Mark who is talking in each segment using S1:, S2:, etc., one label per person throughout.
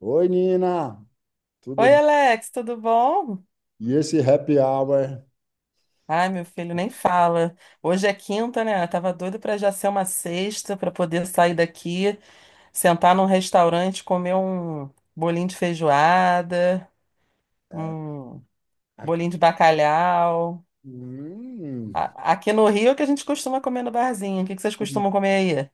S1: Oi, Nina,
S2: Oi,
S1: tudo?
S2: Alex, tudo bom?
S1: E esse happy hour?
S2: Ai, meu filho, nem fala. Hoje é quinta, né? Eu tava doida pra já ser uma sexta, pra poder sair daqui, sentar num restaurante, comer um bolinho de feijoada,
S1: É.
S2: um
S1: Aqui.
S2: bolinho de bacalhau.
S1: Hum.
S2: Aqui no Rio é o que a gente costuma comer no barzinho. O que que vocês costumam comer aí?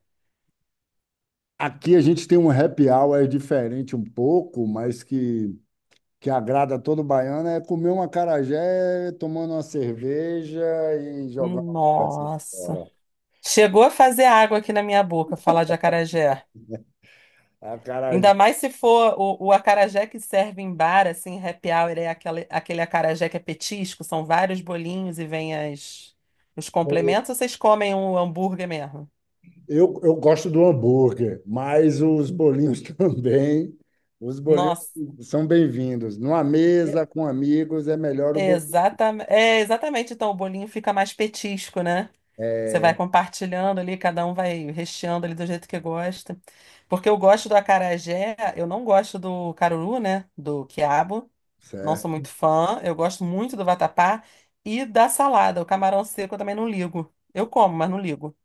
S1: Aqui a gente tem um happy hour diferente um pouco, mas que agrada todo baiano, é comer um acarajé, tomando uma cerveja e jogando as peças
S2: Nossa.
S1: fora.
S2: Chegou a fazer água aqui na minha boca, falar de acarajé.
S1: A
S2: Ainda mais se for o acarajé que serve em bar, assim, happy hour, é aquele, aquele acarajé que é petisco, são vários bolinhos e vem os complementos, ou vocês comem o hambúrguer mesmo?
S1: eu gosto do hambúrguer, mas os bolinhos também. Os bolinhos
S2: Nossa,
S1: são bem-vindos. Numa
S2: é,
S1: mesa com amigos é melhor o bolinho.
S2: é, exatamente, então o bolinho fica mais petisco, né? Você vai
S1: É,
S2: compartilhando ali, cada um vai recheando ali do jeito que gosta. Porque eu gosto do acarajé, eu não gosto do caruru, né? Do quiabo. Não sou muito
S1: certo.
S2: fã. Eu gosto muito do vatapá e da salada. O camarão seco eu também não ligo. Eu como, mas não ligo.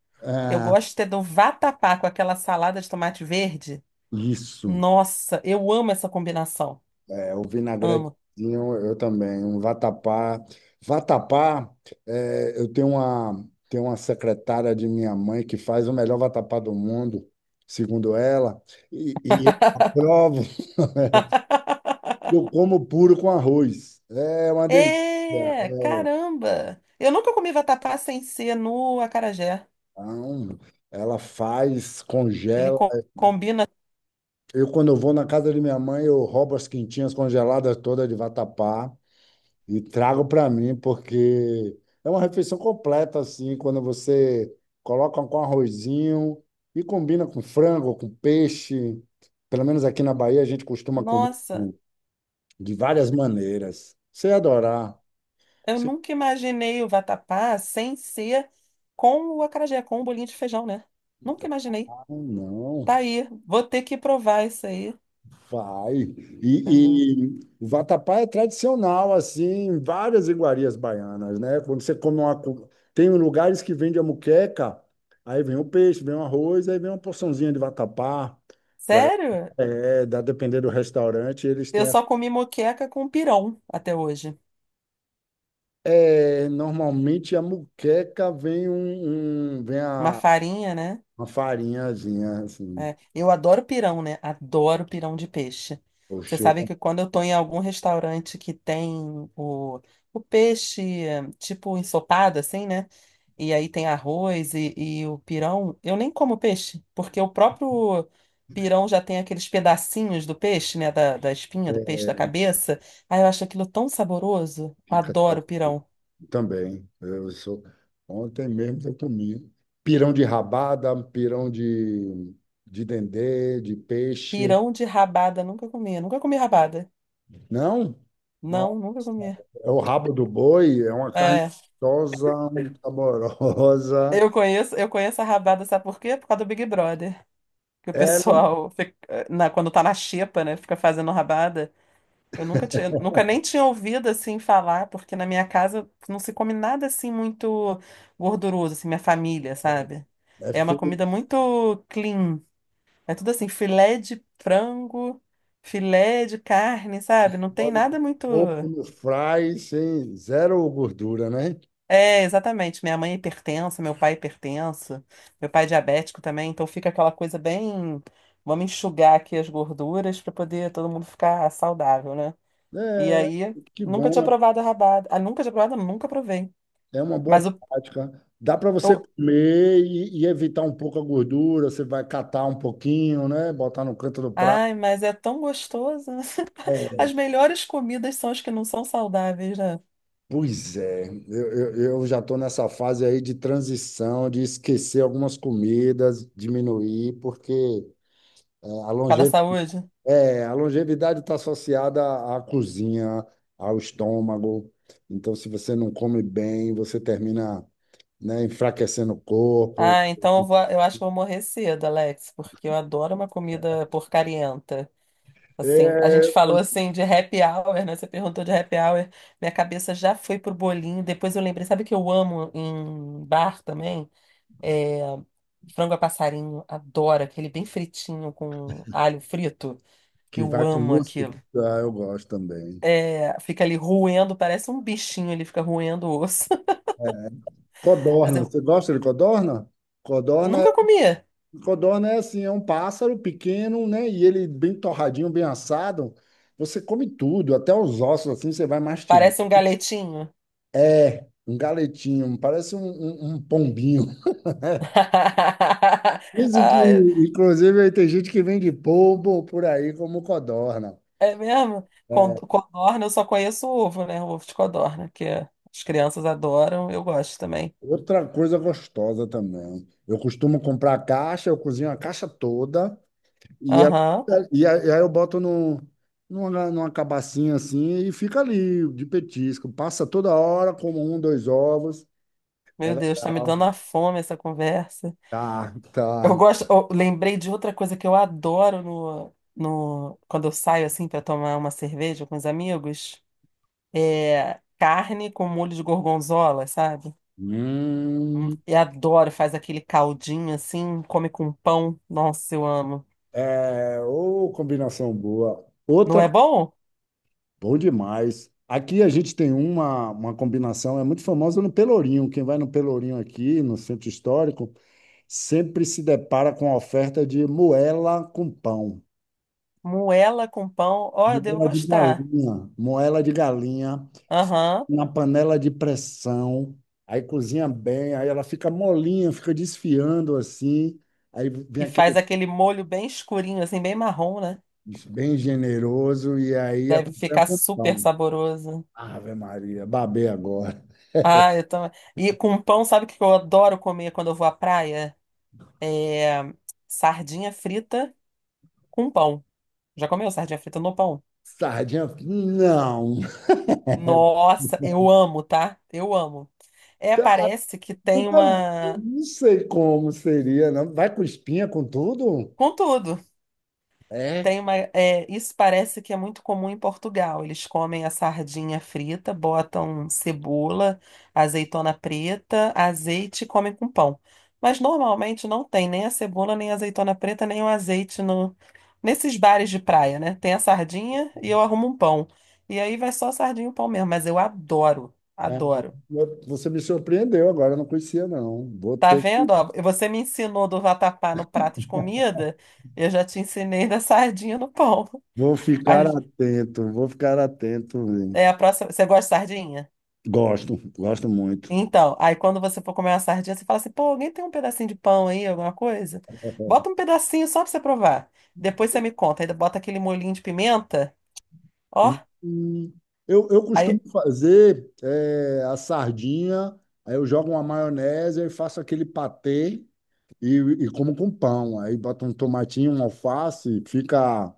S2: Eu
S1: Ah,
S2: gosto de ter do vatapá com aquela salada de tomate verde.
S1: isso.
S2: Nossa, eu amo essa combinação.
S1: É, o
S2: Amo.
S1: vinagretinho eu também. Um vatapá. Vatapá, eu tenho uma secretária de minha mãe que faz o melhor vatapá do mundo, segundo ela, e eu aprovo. Eu como puro com arroz. É uma delícia.
S2: É, caramba! Eu nunca comi vatapá sem ser no acarajé.
S1: Não, ela faz, congela.
S2: Combina.
S1: Quando eu vou na casa de minha mãe, eu roubo as quintinhas congeladas todas de vatapá e trago para mim, porque é uma refeição completa, assim, quando você coloca com arrozinho e combina com frango, com peixe. Pelo menos aqui na Bahia, a gente costuma comer
S2: Nossa,
S1: de várias maneiras. Você ia adorar.
S2: eu
S1: Você.
S2: nunca imaginei o vatapá sem ser com o acarajé, com o bolinho de feijão, né? Nunca imaginei.
S1: Ah, não.
S2: Tá aí, vou ter que provar isso aí.
S1: Vai.
S2: Entendeu?
S1: E o vatapá é tradicional, assim, em várias iguarias baianas, né? Quando você come uma. Tem lugares que vende a muqueca, aí vem o peixe, vem o arroz, aí vem uma porçãozinha de vatapá. Pra...
S2: Sério?
S1: É, depender do restaurante, eles
S2: Eu
S1: têm. a-
S2: só comi moqueca com pirão até hoje.
S1: É, normalmente a muqueca vem um, um- vem
S2: Uma
S1: a,
S2: farinha, né?
S1: uma farinhazinha, assim.
S2: É, eu adoro pirão, né? Adoro pirão de peixe. Você
S1: Poxa,
S2: sabe
S1: eu
S2: que quando eu tô em algum restaurante que tem o peixe, tipo ensopado, assim, né? E aí tem arroz e o pirão, eu nem como peixe, porque o próprio pirão já tem aqueles pedacinhos do peixe, né? Da espinha do peixe, da cabeça. Aí eu acho aquilo tão saboroso. Eu
S1: também.
S2: adoro pirão.
S1: Também. Ontem mesmo eu comi pirão de rabada, pirão de dendê, de peixe.
S2: Pirão de rabada, nunca comi. Nunca comi rabada.
S1: Não?
S2: Não,
S1: Nossa,
S2: nunca comi.
S1: é o rabo do boi, é uma carne
S2: É,
S1: gostosa, saborosa.
S2: eu conheço a rabada, sabe por quê? Por causa do Big Brother. Que o
S1: Era
S2: pessoal, fica- na- quando tá na xepa, né, fica fazendo rabada. Eu nunca tinha, nunca nem tinha ouvido assim falar, porque na minha casa não se come nada assim muito gorduroso, assim, minha família, sabe?
S1: É
S2: É uma
S1: feito
S2: comida muito clean. É tudo assim, filé de frango, filé de carne, sabe? Não tem
S1: óleo de
S2: nada muito.
S1: porco no fry, sem zero gordura, né?
S2: É, exatamente. Minha mãe é hipertensa, meu pai é hipertenso, meu pai é diabético também, então fica aquela coisa bem. Vamos enxugar aqui as gorduras para poder todo mundo ficar saudável, né? E
S1: É,
S2: aí,
S1: que
S2: nunca tinha
S1: bom.
S2: provado a rabada. Ah, nunca tinha provado, nunca provei.
S1: É uma boa
S2: Mas o.
S1: prática. Dá para você
S2: o-
S1: comer e evitar um pouco a gordura, você vai catar um pouquinho, né? Botar no canto do prato.
S2: Ai, mas é tão gostoso.
S1: É,
S2: As melhores comidas são as que não são saudáveis, né? Por
S1: pois é, eu já estou nessa fase aí de transição, de esquecer algumas comidas, diminuir, porque é, a
S2: causa da
S1: longe,
S2: saúde.
S1: a longevidade está associada à cozinha, ao estômago. Então, se você não come bem, você termina, né, enfraquecendo o corpo.
S2: Ah, então eu vou, eu acho que eu vou morrer cedo, Alex, porque eu adoro uma comida porcarienta. Assim, a
S1: É.
S2: gente falou assim de happy hour, né? Você perguntou de happy hour. Minha cabeça já foi pro bolinho. Depois eu lembrei, sabe o que eu amo em bar também? É, frango a passarinho. Adoro aquele bem fritinho com alho frito.
S1: Que
S2: Eu
S1: vai com
S2: amo
S1: música.
S2: aquilo.
S1: Ah, eu gosto também.
S2: É, fica ali roendo, parece um bichinho, ele fica roendo o osso. Mas
S1: Codorna,
S2: eu
S1: você gosta de codorna? Codorna, é-
S2: nunca comia.
S1: codorna é assim, é um pássaro pequeno, né? E ele bem torradinho, bem assado. Você come tudo, até os ossos, assim, você vai mastigar.
S2: Parece um galetinho.
S1: É. Um galetinho, parece um pombinho. Dizem que,
S2: Ah,
S1: inclusive, aí tem gente que vende polvo por aí como codorna.
S2: é mesmo?
S1: É.
S2: Codorna, eu só conheço o ovo, né? O ovo de codorna, que é, as crianças adoram, eu gosto também.
S1: Outra coisa gostosa também. Eu costumo comprar a caixa, eu cozinho a caixa toda, E, ela,
S2: Aham.
S1: e aí eu boto no, numa, numa cabacinha assim e fica ali de petisco. Passa toda hora, como um, dois ovos. É
S2: Meu Deus, tá me
S1: legal,
S2: dando a fome essa conversa.
S1: tá,
S2: Eu
S1: tá.
S2: gosto, eu lembrei de outra coisa que eu adoro no, no, quando eu saio assim para tomar uma cerveja com os amigos, é carne com molho de gorgonzola, sabe?
S1: Hum,
S2: Eu adoro, faz aquele caldinho assim, come com pão. Nossa, eu amo.
S1: ô, combinação boa.
S2: Não
S1: Outra,
S2: é bom?
S1: bom demais. Aqui a gente tem uma combinação, é muito famosa no Pelourinho. Quem vai no Pelourinho aqui, no centro histórico, sempre se depara com a oferta de moela com pão.
S2: Moela com pão, ó, eu devo gostar.
S1: Moela de galinha
S2: Aham.
S1: na panela de pressão, aí cozinha bem, aí ela fica molinha, fica desfiando assim, aí vem
S2: E faz
S1: aquele
S2: aquele molho bem escurinho, assim, bem marrom, né?
S1: bem generoso e aí
S2: Deve
S1: acompanha
S2: ficar
S1: com
S2: super
S1: pão.
S2: saboroso.
S1: Ave Maria, babei agora.
S2: Ah, eu também. E com pão, sabe o que eu adoro comer quando eu vou à praia? É sardinha frita com pão. Já comeu sardinha frita no pão?
S1: Sardinha, não.
S2: Nossa, eu amo, tá? Eu amo. É,
S1: Tá,
S2: parece que tem
S1: nunca vi.
S2: uma.
S1: Não sei como seria, não. Vai com espinha, com tudo?
S2: Com tudo.
S1: É,
S2: Tem uma, é, isso parece que é muito comum em Portugal. Eles comem a sardinha frita, botam cebola, azeitona preta, azeite e comem com pão. Mas normalmente não tem nem a cebola, nem a azeitona preta, nem o azeite no, nesses bares de praia, né? Tem a sardinha e eu arrumo um pão. E aí vai só sardinha e o pão mesmo. Mas eu adoro,
S1: é.
S2: adoro.
S1: Você me surpreendeu agora, eu não conhecia não.
S2: Tá vendo? Ó, você me ensinou do vatapá no prato de comida, eu já te ensinei da sardinha no pão.
S1: Vou ficar atento, vou ficar atento, velho.
S2: É a próxima. Você gosta de sardinha?
S1: Gosto, gosto muito.
S2: Então, aí quando você for comer uma sardinha, você fala assim: pô, alguém tem um pedacinho de pão aí, alguma coisa? Bota um pedacinho só pra você provar. Depois você me conta. Aí bota aquele molhinho de pimenta. Ó,
S1: Hum, eu costumo
S2: aí.
S1: fazer a sardinha, aí eu jogo uma maionese e faço aquele patê e, e como com pão. Aí boto um tomatinho, um alface, fica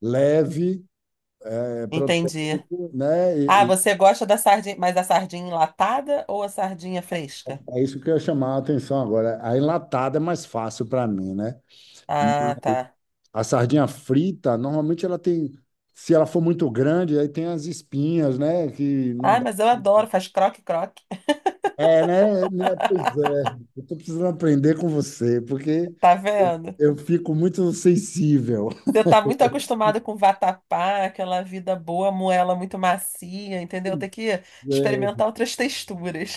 S1: leve,
S2: Entendi.
S1: proteico, né?
S2: Ah,
S1: E
S2: você gosta da sardinha, mas da sardinha enlatada ou a sardinha fresca?
S1: é isso que eu ia chamar a atenção agora. A enlatada é mais fácil para mim, né?
S2: Ah, tá.
S1: A sardinha frita, normalmente ela tem, se ela for muito grande, aí tem as espinhas, né? Que não
S2: Ah,
S1: dá.
S2: mas eu adoro, faz croque-croque.
S1: É, né? Né, pois é. Eu tô precisando aprender com você, porque
S2: Tá
S1: eu
S2: vendo?
S1: eu fico muito sensível.
S2: Você tá muito acostumado com vatapá, aquela vida boa, moela muito macia, entendeu?
S1: Pois
S2: Tem que
S1: é.
S2: experimentar outras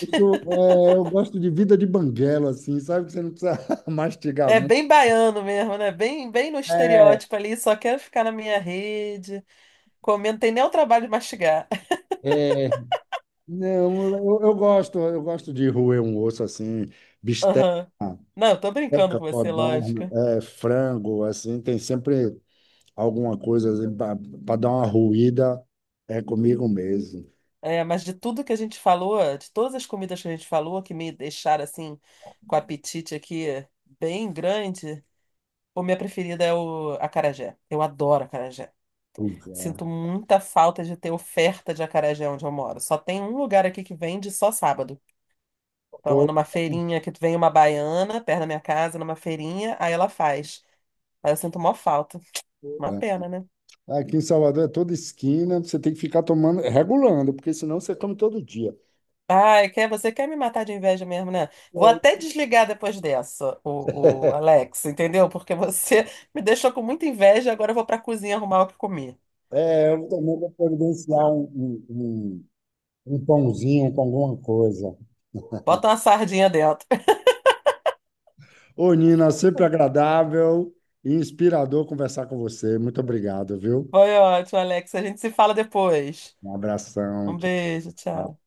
S1: Eu sou- eu gosto de vida de banguela, assim, sabe? Que você não precisa mastigar
S2: É
S1: muito.
S2: bem baiano mesmo, né? Bem, bem no
S1: É,
S2: estereótipo ali, só quero ficar na minha rede, comendo, tem nem o trabalho de mastigar.
S1: é. Não, eu gosto de roer um osso assim, bisteca,
S2: Aham. Não, eu tô brincando com você,
S1: codorna,
S2: lógico.
S1: frango, assim, tem sempre. Alguma coisa assim, para dar uma ruída, é comigo mesmo.
S2: É, mas de tudo que a gente falou, de todas as comidas que a gente falou, que me deixaram assim, com o apetite aqui bem grande, o minha preferida é o acarajé. Eu adoro acarajé. Sinto muita falta de ter oferta de acarajé onde eu moro. Só tem um lugar aqui que vende só sábado. Então, é
S1: Pô,
S2: numa feirinha que vem uma baiana perto da minha casa, numa feirinha, aí ela faz. Aí eu sinto mó falta. Uma pena, né?
S1: é. Aqui em Salvador é toda esquina, você tem que ficar tomando, regulando, porque senão você come todo dia.
S2: Ai, quer, você quer me matar de inveja mesmo, né? Vou
S1: É,
S2: até desligar depois dessa, o Alex, entendeu? Porque você me deixou com muita inveja agora eu vou pra cozinha arrumar o que comer.
S1: é, eu também vou providenciar um pãozinho com alguma coisa.
S2: Bota uma sardinha dentro.
S1: Ô, Nina, sempre agradável e inspirador conversar com você. Muito obrigado, viu?
S2: Foi ótimo, Alex. A gente se fala depois.
S1: Um abração.
S2: Um
S1: Tchau.
S2: beijo, tchau.